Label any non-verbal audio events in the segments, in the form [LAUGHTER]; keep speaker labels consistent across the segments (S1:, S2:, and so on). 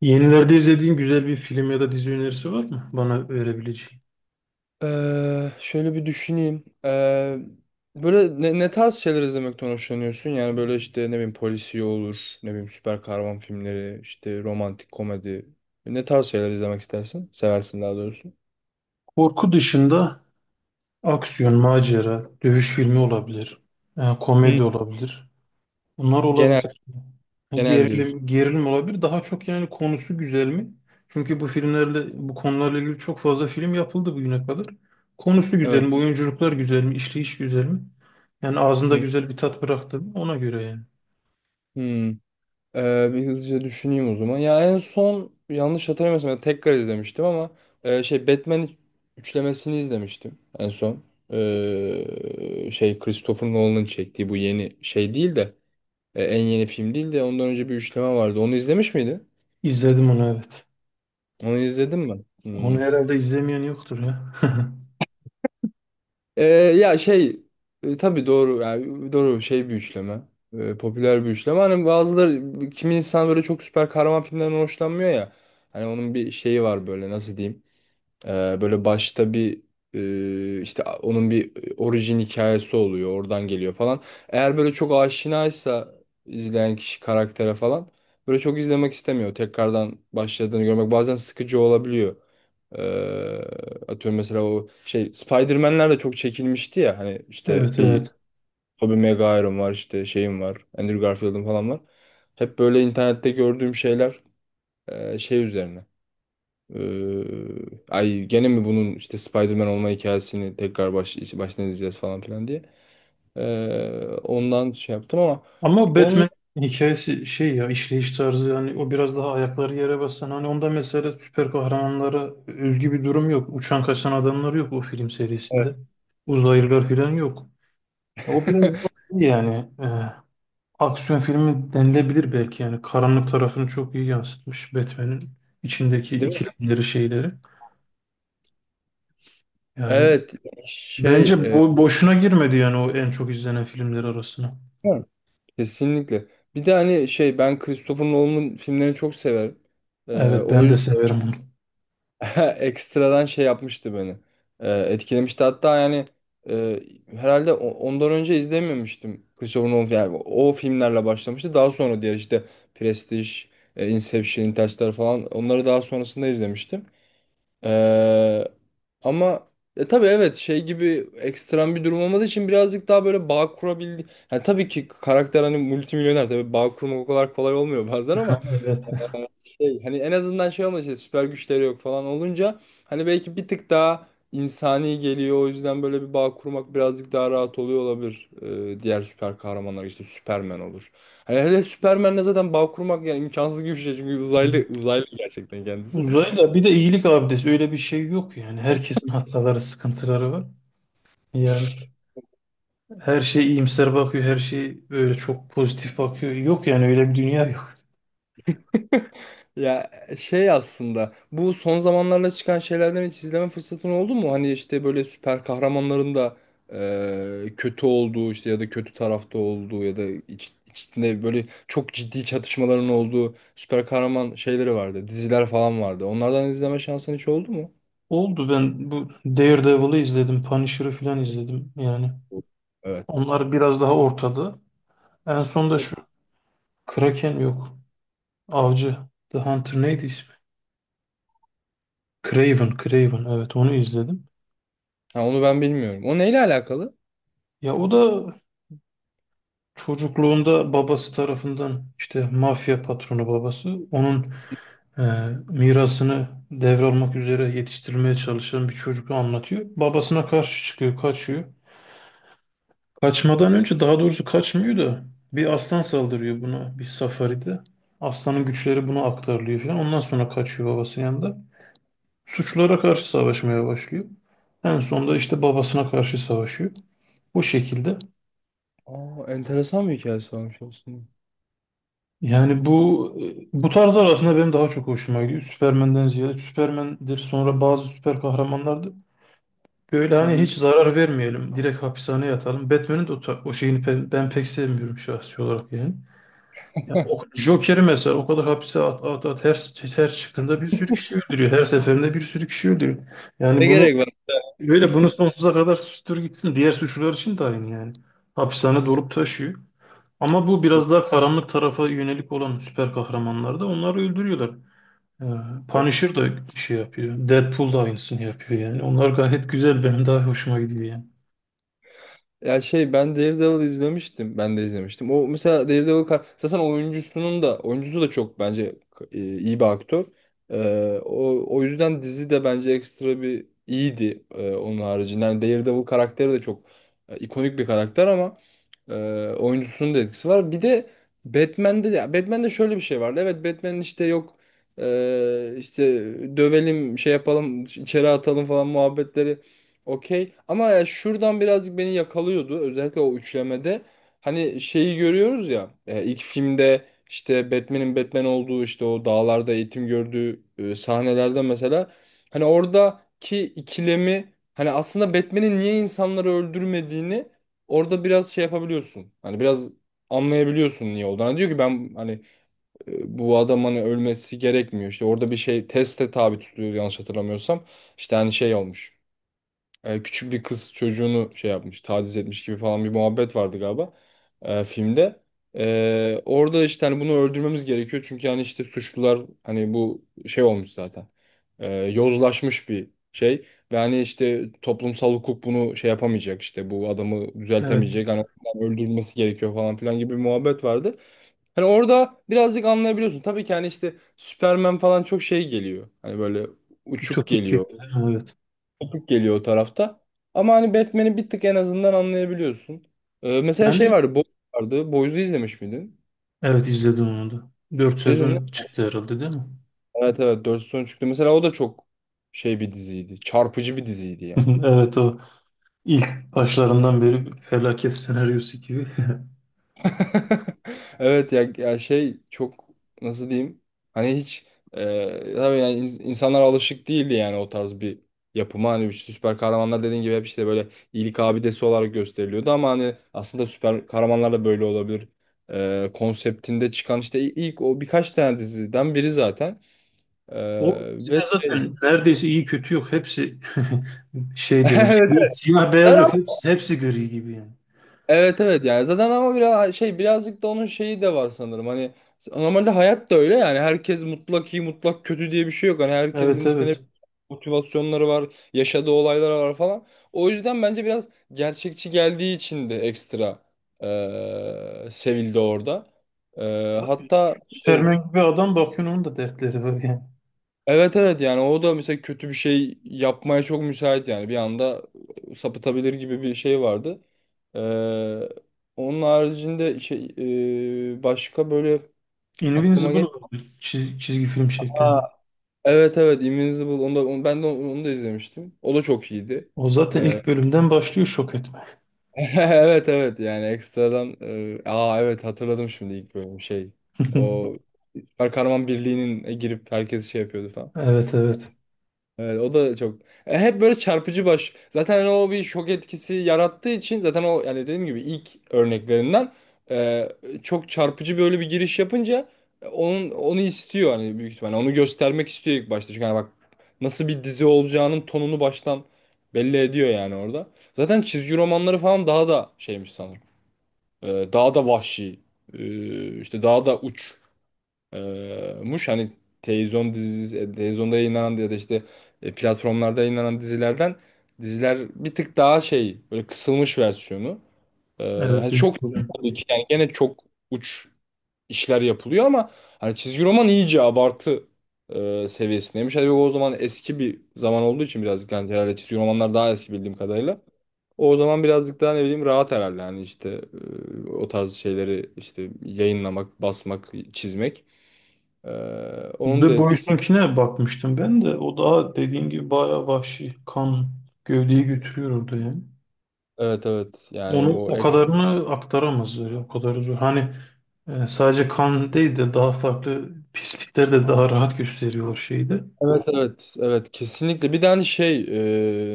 S1: Yenilerde izlediğin güzel bir film ya da dizi önerisi var mı bana verebileceğin?
S2: Şöyle bir düşüneyim. Böyle ne tarz şeyler izlemekten hoşlanıyorsun? Yani böyle işte ne bileyim polisiye olur, ne bileyim süper kahraman filmleri, işte romantik komedi. Ne tarz şeyler izlemek istersin? Seversin daha doğrusu.
S1: Korku dışında aksiyon, macera, dövüş filmi olabilir,
S2: Hı.
S1: komedi olabilir. Bunlar
S2: Genel,
S1: olabilir. Yani
S2: genel diyorsun.
S1: gerilim olabilir. Daha çok yani konusu güzel mi? Çünkü bu filmlerle, bu konularla ilgili çok fazla film yapıldı bugüne kadar. Konusu güzel
S2: Evet.
S1: mi? Oyunculuklar güzel mi? İşleyiş güzel mi? Yani ağzında
S2: Hı.
S1: güzel bir tat bıraktı mı? Ona göre yani.
S2: Hı. Bir hızlıca düşüneyim o zaman. Ya en son yanlış hatırlamıyorsam ya tekrar izlemiştim ama şey Batman üçlemesini izlemiştim en son. Şey Christopher Nolan'ın çektiği bu yeni şey değil de en yeni film değil de ondan önce bir üçleme vardı. Onu izlemiş miydin?
S1: İzledim onu, evet.
S2: Onu izledim mi?
S1: Onu
S2: Hmm.
S1: herhalde izlemeyen yoktur ya.
S2: Ya şey, tabii doğru, yani doğru şey, bir üçleme. Popüler bir üçleme. Hani bazıları, kimi insan böyle çok süper kahraman filmlerinden hoşlanmıyor ya. Hani onun bir şeyi var, böyle nasıl diyeyim? Böyle başta bir işte onun bir orijin hikayesi oluyor. Oradan geliyor falan. Eğer böyle çok aşinaysa izleyen kişi karaktere falan, böyle çok izlemek istemiyor. Tekrardan başladığını görmek bazen sıkıcı olabiliyor. Ee, atıyorum mesela, o şey Spider-Man'ler de çok çekilmişti ya, hani
S1: [LAUGHS]
S2: işte
S1: Evet,
S2: bir
S1: evet.
S2: Tobey Maguire'ım var, işte şeyim var, Andrew Garfield'ım falan var. Hep böyle internette gördüğüm şeyler şey üzerine. Ee, ay gene mi bunun işte Spider-Man olma hikayesini tekrar baştan izleyeceğiz falan filan diye. Ondan şey yaptım ama
S1: Ama
S2: onun.
S1: Batman hikayesi şey ya, işleyiş tarzı, yani o biraz daha ayakları yere basan, hani onda mesela süper kahramanlara özgü bir durum yok. Uçan kaçan adamlar yok o film serisinde.
S2: Evet.
S1: Uzaylılar falan yok. O biraz iyi yani, aksiyon filmi denilebilir belki. Yani karanlık tarafını çok iyi yansıtmış Batman'in içindeki
S2: Değil mi?
S1: ikilemleri, şeyleri. Yani
S2: Evet, şey,
S1: bence bu boşuna girmedi yani o en çok izlenen filmler arasına.
S2: hı, kesinlikle. Bir de hani şey, ben Christopher Nolan'ın filmlerini çok severim. Ee,
S1: Evet,
S2: o
S1: ben de
S2: yüzden
S1: severim onu.
S2: [LAUGHS] ekstradan şey yapmıştı beni. Etkilemişti. Hatta yani e, herhalde ondan önce izlememiştim. Christopher Nolan yani o filmlerle başlamıştı. Daha sonra diğer işte Prestige, Inception, Interstellar falan, onları daha sonrasında izlemiştim. Ee, ama tabii evet, şey gibi ekstrem bir durum olmadığı için birazcık daha böyle bağ kurabildi. Yani tabii ki karakter hani multimilyoner, tabii bağ kurmak o kadar kolay olmuyor [LAUGHS] bazen ama
S1: [LAUGHS] Evet.
S2: ee, şey, hani en azından şey olmadı, işte süper güçleri yok falan olunca hani belki bir tık daha insani geliyor, o yüzden böyle bir bağ kurmak birazcık daha rahat oluyor olabilir. Diğer süper kahramanlar, işte Superman olur. Hani hele Superman'le zaten bağ kurmak yani imkansız gibi bir şey, çünkü
S1: Ya.
S2: uzaylı uzaylı gerçekten kendisi.
S1: Uzayla bir de iyilik abidesi, öyle bir şey yok yani. Herkesin hataları, sıkıntıları var. Yani her şey iyimser bakıyor, her şey böyle çok pozitif bakıyor. Yok yani, öyle bir dünya yok.
S2: Ya şey, aslında bu son zamanlarda çıkan şeylerden hiç izleme fırsatın oldu mu? Hani işte böyle süper kahramanların da kötü olduğu, işte ya da kötü tarafta olduğu ya da içinde böyle çok ciddi çatışmaların olduğu süper kahraman şeyleri vardı. Diziler falan vardı. Onlardan izleme şansın hiç oldu mu?
S1: Oldu, ben bu Daredevil'ı izledim, Punisher'ı falan izledim yani.
S2: Yok. Evet.
S1: Onlar biraz daha ortada. En son da
S2: Evet.
S1: şu Kraken yok. Avcı, The Hunter neydi ismi? Craven, Craven, evet onu izledim.
S2: Ha, onu ben bilmiyorum. O neyle alakalı?
S1: Ya o da çocukluğunda babası tarafından, işte mafya patronu babası. Onun e, mirasını devralmak üzere yetiştirilmeye çalışan bir çocuğu anlatıyor. Babasına karşı çıkıyor, kaçıyor. Kaçmadan önce, daha doğrusu kaçmıyor da, bir aslan saldırıyor buna bir safaride. Aslanın güçleri buna aktarılıyor falan. Ondan sonra kaçıyor babasının yanında. Suçlara karşı savaşmaya başlıyor. En sonunda işte babasına karşı savaşıyor. Bu şekilde.
S2: Aa, enteresan bir hikayesi varmış aslında.
S1: Yani bu tarzlar aslında benim daha çok hoşuma gidiyor. Süpermen'den ziyade Süpermen'dir, sonra bazı süper kahramanlardır. Böyle
S2: Hı
S1: hani
S2: hı.
S1: hiç zarar vermeyelim, direkt hapishaneye yatalım. Batman'in de o, ta- o şeyini pe- ben pek sevmiyorum şahsi olarak yani. Ya, o, Joker'i mesela o kadar hapse at at at, her, her çıktığında bir sürü kişi öldürüyor. Her seferinde bir sürü kişi öldürüyor. Yani
S2: Ne
S1: bunu
S2: gerek var?
S1: böyle bunu sonsuza kadar süstür gitsin. Diğer suçlular için de aynı yani. Hapishane dolup taşıyor. Ama bu
S2: Evet.
S1: biraz daha karanlık tarafa yönelik olan süper kahramanlar da onları öldürüyorlar. Ee, Punisher da şey yapıyor. Deadpool da aynısını yapıyor yani. Onlar gayet güzel. Benim daha hoşuma gidiyor yani.
S2: Ya şey, ben Daredevil izlemiştim. Ben de izlemiştim. O mesela Daredevil zaten oyuncusunun da, oyuncusu da çok bence iyi bir aktör. O yüzden dizi de bence ekstra bir iyiydi, onun haricinde. Yani Daredevil karakteri de çok ikonik bir karakter, ama ee, oyuncusunun da etkisi var. Bir de Batman'de şöyle bir şey vardı. Evet, Batman'in işte yok, işte dövelim şey yapalım içeri atalım falan muhabbetleri, okey. Ama ya, şuradan birazcık beni yakalıyordu. Özellikle o üçlemede. Hani şeyi görüyoruz ya, ilk filmde işte Batman'in Batman olduğu, işte o dağlarda eğitim gördüğü sahnelerde mesela hani oradaki ikilemi, hani aslında Batman'in niye insanları öldürmediğini. Orada biraz şey yapabiliyorsun. Hani biraz anlayabiliyorsun niye olduğunu. Hani diyor ki ben hani bu adamın hani ölmesi gerekmiyor. İşte orada bir şey teste tabi tutuyor yanlış hatırlamıyorsam. İşte hani şey olmuş, küçük bir kız çocuğunu şey yapmış, taciz etmiş gibi falan bir muhabbet vardı galiba, filmde. Orada işte hani bunu öldürmemiz gerekiyor çünkü hani işte suçlular, hani bu şey olmuş zaten. Yozlaşmış bir şey ve hani işte toplumsal hukuk bunu şey yapamayacak, işte bu adamı
S1: Evet.
S2: düzeltemeyecek, hani ondan öldürülmesi gerekiyor falan filan gibi bir muhabbet vardı. Hani orada birazcık anlayabiliyorsun. Tabii ki hani işte Superman falan çok şey geliyor. Hani böyle uçuk
S1: Ütopik. Yani,
S2: geliyor,
S1: evet.
S2: kopuk geliyor o tarafta. Ama hani Batman'i bir tık en azından anlayabiliyorsun. Mesela şey
S1: Yani
S2: vardı, Boys vardı. Boys'u izlemiş miydin?
S1: evet, izledim onu da. 4
S2: Dedin mi?
S1: sezon çıktı herhalde, değil mi?
S2: Evet, evet, 4 sezon çıktı. Mesela o da çok şey bir diziydi. Çarpıcı bir diziydi yani.
S1: [LAUGHS] Evet, o ilk başlarından beri bir felaket senaryosu gibi. [LAUGHS]
S2: [LAUGHS] Evet ya, ya şey, çok nasıl diyeyim, hani hiç tabii yani insanlar alışık değildi yani o tarz bir yapıma, hani bir süper kahramanlar dediğin gibi hep işte böyle iyilik abidesi olarak gösteriliyordu, ama hani aslında süper kahramanlar da böyle olabilir. Konseptinde çıkan işte ilk o birkaç tane diziden biri zaten.
S1: O
S2: E, ve
S1: bizde
S2: şey
S1: zaten neredeyse iyi kötü yok. Hepsi [LAUGHS] şeyde
S2: [LAUGHS]
S1: yani,
S2: evet,
S1: bir siyah beyaz
S2: evet.
S1: yok. Hepsi gri gibi yani.
S2: Evet evet yani zaten, ama biraz şey, birazcık da onun şeyi de var sanırım, hani normalde hayat da öyle, yani herkes mutlak iyi, mutlak kötü diye bir şey yok, hani herkesin
S1: Evet,
S2: işte ne
S1: evet.
S2: motivasyonları var, yaşadığı olaylar var falan, o yüzden bence biraz gerçekçi geldiği için de ekstra sevildi orada. Eee,
S1: Ta-
S2: hatta şey,
S1: Superman gibi adam, bakıyorsun onun da dertleri var yani.
S2: evet evet yani o da mesela kötü bir şey yapmaya çok müsait, yani bir anda sapıtabilir gibi bir şey vardı. Ee, onun haricinde şey, başka böyle aklıma
S1: Invincible
S2: gel.
S1: oldu, çiz- çizgi film
S2: Aa,
S1: şeklinde.
S2: evet evet Invincible, onu da, ben de onu, da izlemiştim. O da çok iyiydi.
S1: O zaten
S2: Ee,
S1: ilk bölümden başlıyor şok etme.
S2: [LAUGHS] evet evet yani ekstradan aa evet, hatırladım şimdi ilk bölüm şey. O
S1: [LAUGHS]
S2: Süper Kahraman Birliği'nin girip herkes şey yapıyordu.
S1: Evet, evet.
S2: Evet o da çok. Hep böyle çarpıcı baş. Zaten hani o bir şok etkisi yarattığı için zaten o, yani dediğim gibi ilk örneklerinden e, çok çarpıcı böyle bir giriş yapınca onun onu istiyor, hani büyük ihtimalle onu göstermek istiyor ilk başta. Çünkü hani bak, nasıl bir dizi olacağının tonunu baştan belli ediyor yani orada. Zaten çizgi romanları falan daha da şeymiş sanırım. Daha da vahşi. E, işte daha da uç muş, hani televizyon dizisi, televizyonda yayınlanan ya da işte platformlarda yayınlanan dizilerden diziler bir tık daha şey, böyle kısılmış versiyonu. E,
S1: Evet,
S2: hani çok,
S1: Jerusalem.
S2: tabii ki yani gene çok uç işler yapılıyor, ama hani çizgi roman iyice abartı seviyesindeymiş. Hani o zaman eski bir zaman olduğu için birazcık, yani herhalde çizgi romanlar daha eski bildiğim kadarıyla. O zaman birazcık daha ne bileyim rahat herhalde. Yani işte o tarz şeyleri işte yayınlamak, basmak, çizmek. Ee,
S1: De
S2: onun da etkisi.
S1: Boysun'kine bakmıştım ben de. O daha dediğin gibi bayağı vahşi. Kan gövdeyi götürüyor orada yani.
S2: Evet evet yani
S1: Onu
S2: o
S1: o kadarını aktaramazlar. Ya, o kadar zor. Hani sadece kan değil de daha farklı pislikler de daha rahat gösteriyor şeyde.
S2: Evet evet evet, kesinlikle bir tane şey,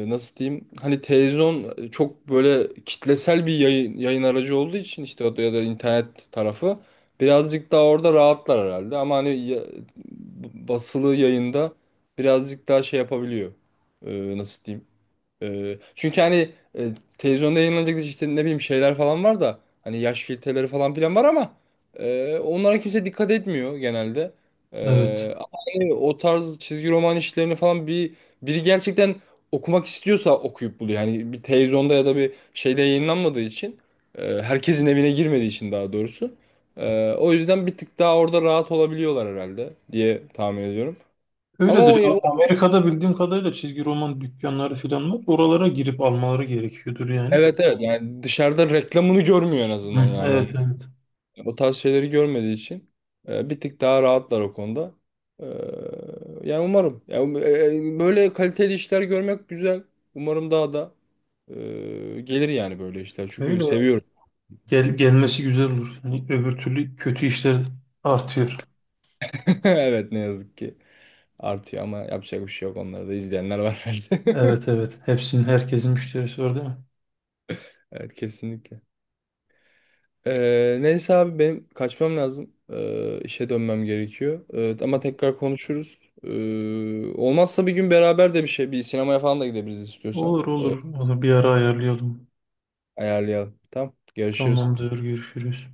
S2: nasıl diyeyim, hani televizyon çok böyle kitlesel bir yayın aracı olduğu için işte ya da internet tarafı birazcık daha orada rahatlar herhalde, ama hani basılı yayında birazcık daha şey yapabiliyor. Nasıl diyeyim. Çünkü hani e, televizyonda yayınlanacak işte ne bileyim şeyler falan var da, hani yaş filtreleri falan filan var ama onlara kimse dikkat etmiyor genelde.
S1: Evet.
S2: Ama hani o tarz çizgi roman işlerini falan bir, biri gerçekten okumak istiyorsa okuyup buluyor. Yani bir televizyonda ya da bir şeyde yayınlanmadığı için herkesin evine girmediği için daha doğrusu. O yüzden bir tık daha orada rahat olabiliyorlar herhalde diye tahmin ediyorum. Ama o,
S1: Öyledir.
S2: ya-
S1: A- Amerika'da bildiğim kadarıyla çizgi roman dükkanları falan var. Oralara girip almaları gerekiyordur yani.
S2: Evet evet yani dışarıda reklamını görmüyor en azından
S1: Hı,
S2: yani.
S1: evet, evet.
S2: O tarz şeyleri görmediği için bir tık daha rahatlar o konuda. E, yani umarım. Ya, böyle kaliteli işler görmek güzel. Umarım daha da gelir yani böyle işler. Çünkü
S1: Öyle ya.
S2: seviyorum.
S1: Gel, gelmesi güzel olur. Yani öbür türlü kötü işler artıyor.
S2: [LAUGHS] Evet ne yazık ki artıyor, ama yapacak bir şey yok. Onları da izleyenler var herhalde.
S1: Evet,
S2: [LAUGHS]
S1: evet. Hepsinin, herkesin müşterisi var değil mi?
S2: Evet kesinlikle. Neyse abi, benim kaçmam lazım. E, işe dönmem gerekiyor. Ama tekrar konuşuruz. Olmazsa bir gün beraber de bir şey, bir sinemaya falan da gidebiliriz istiyorsan.
S1: Olur, olur. Onu bir ara ayarlayalım.
S2: Ayarlayalım. Tamam. Görüşürüz.
S1: Tamamdır. Görüşürüz.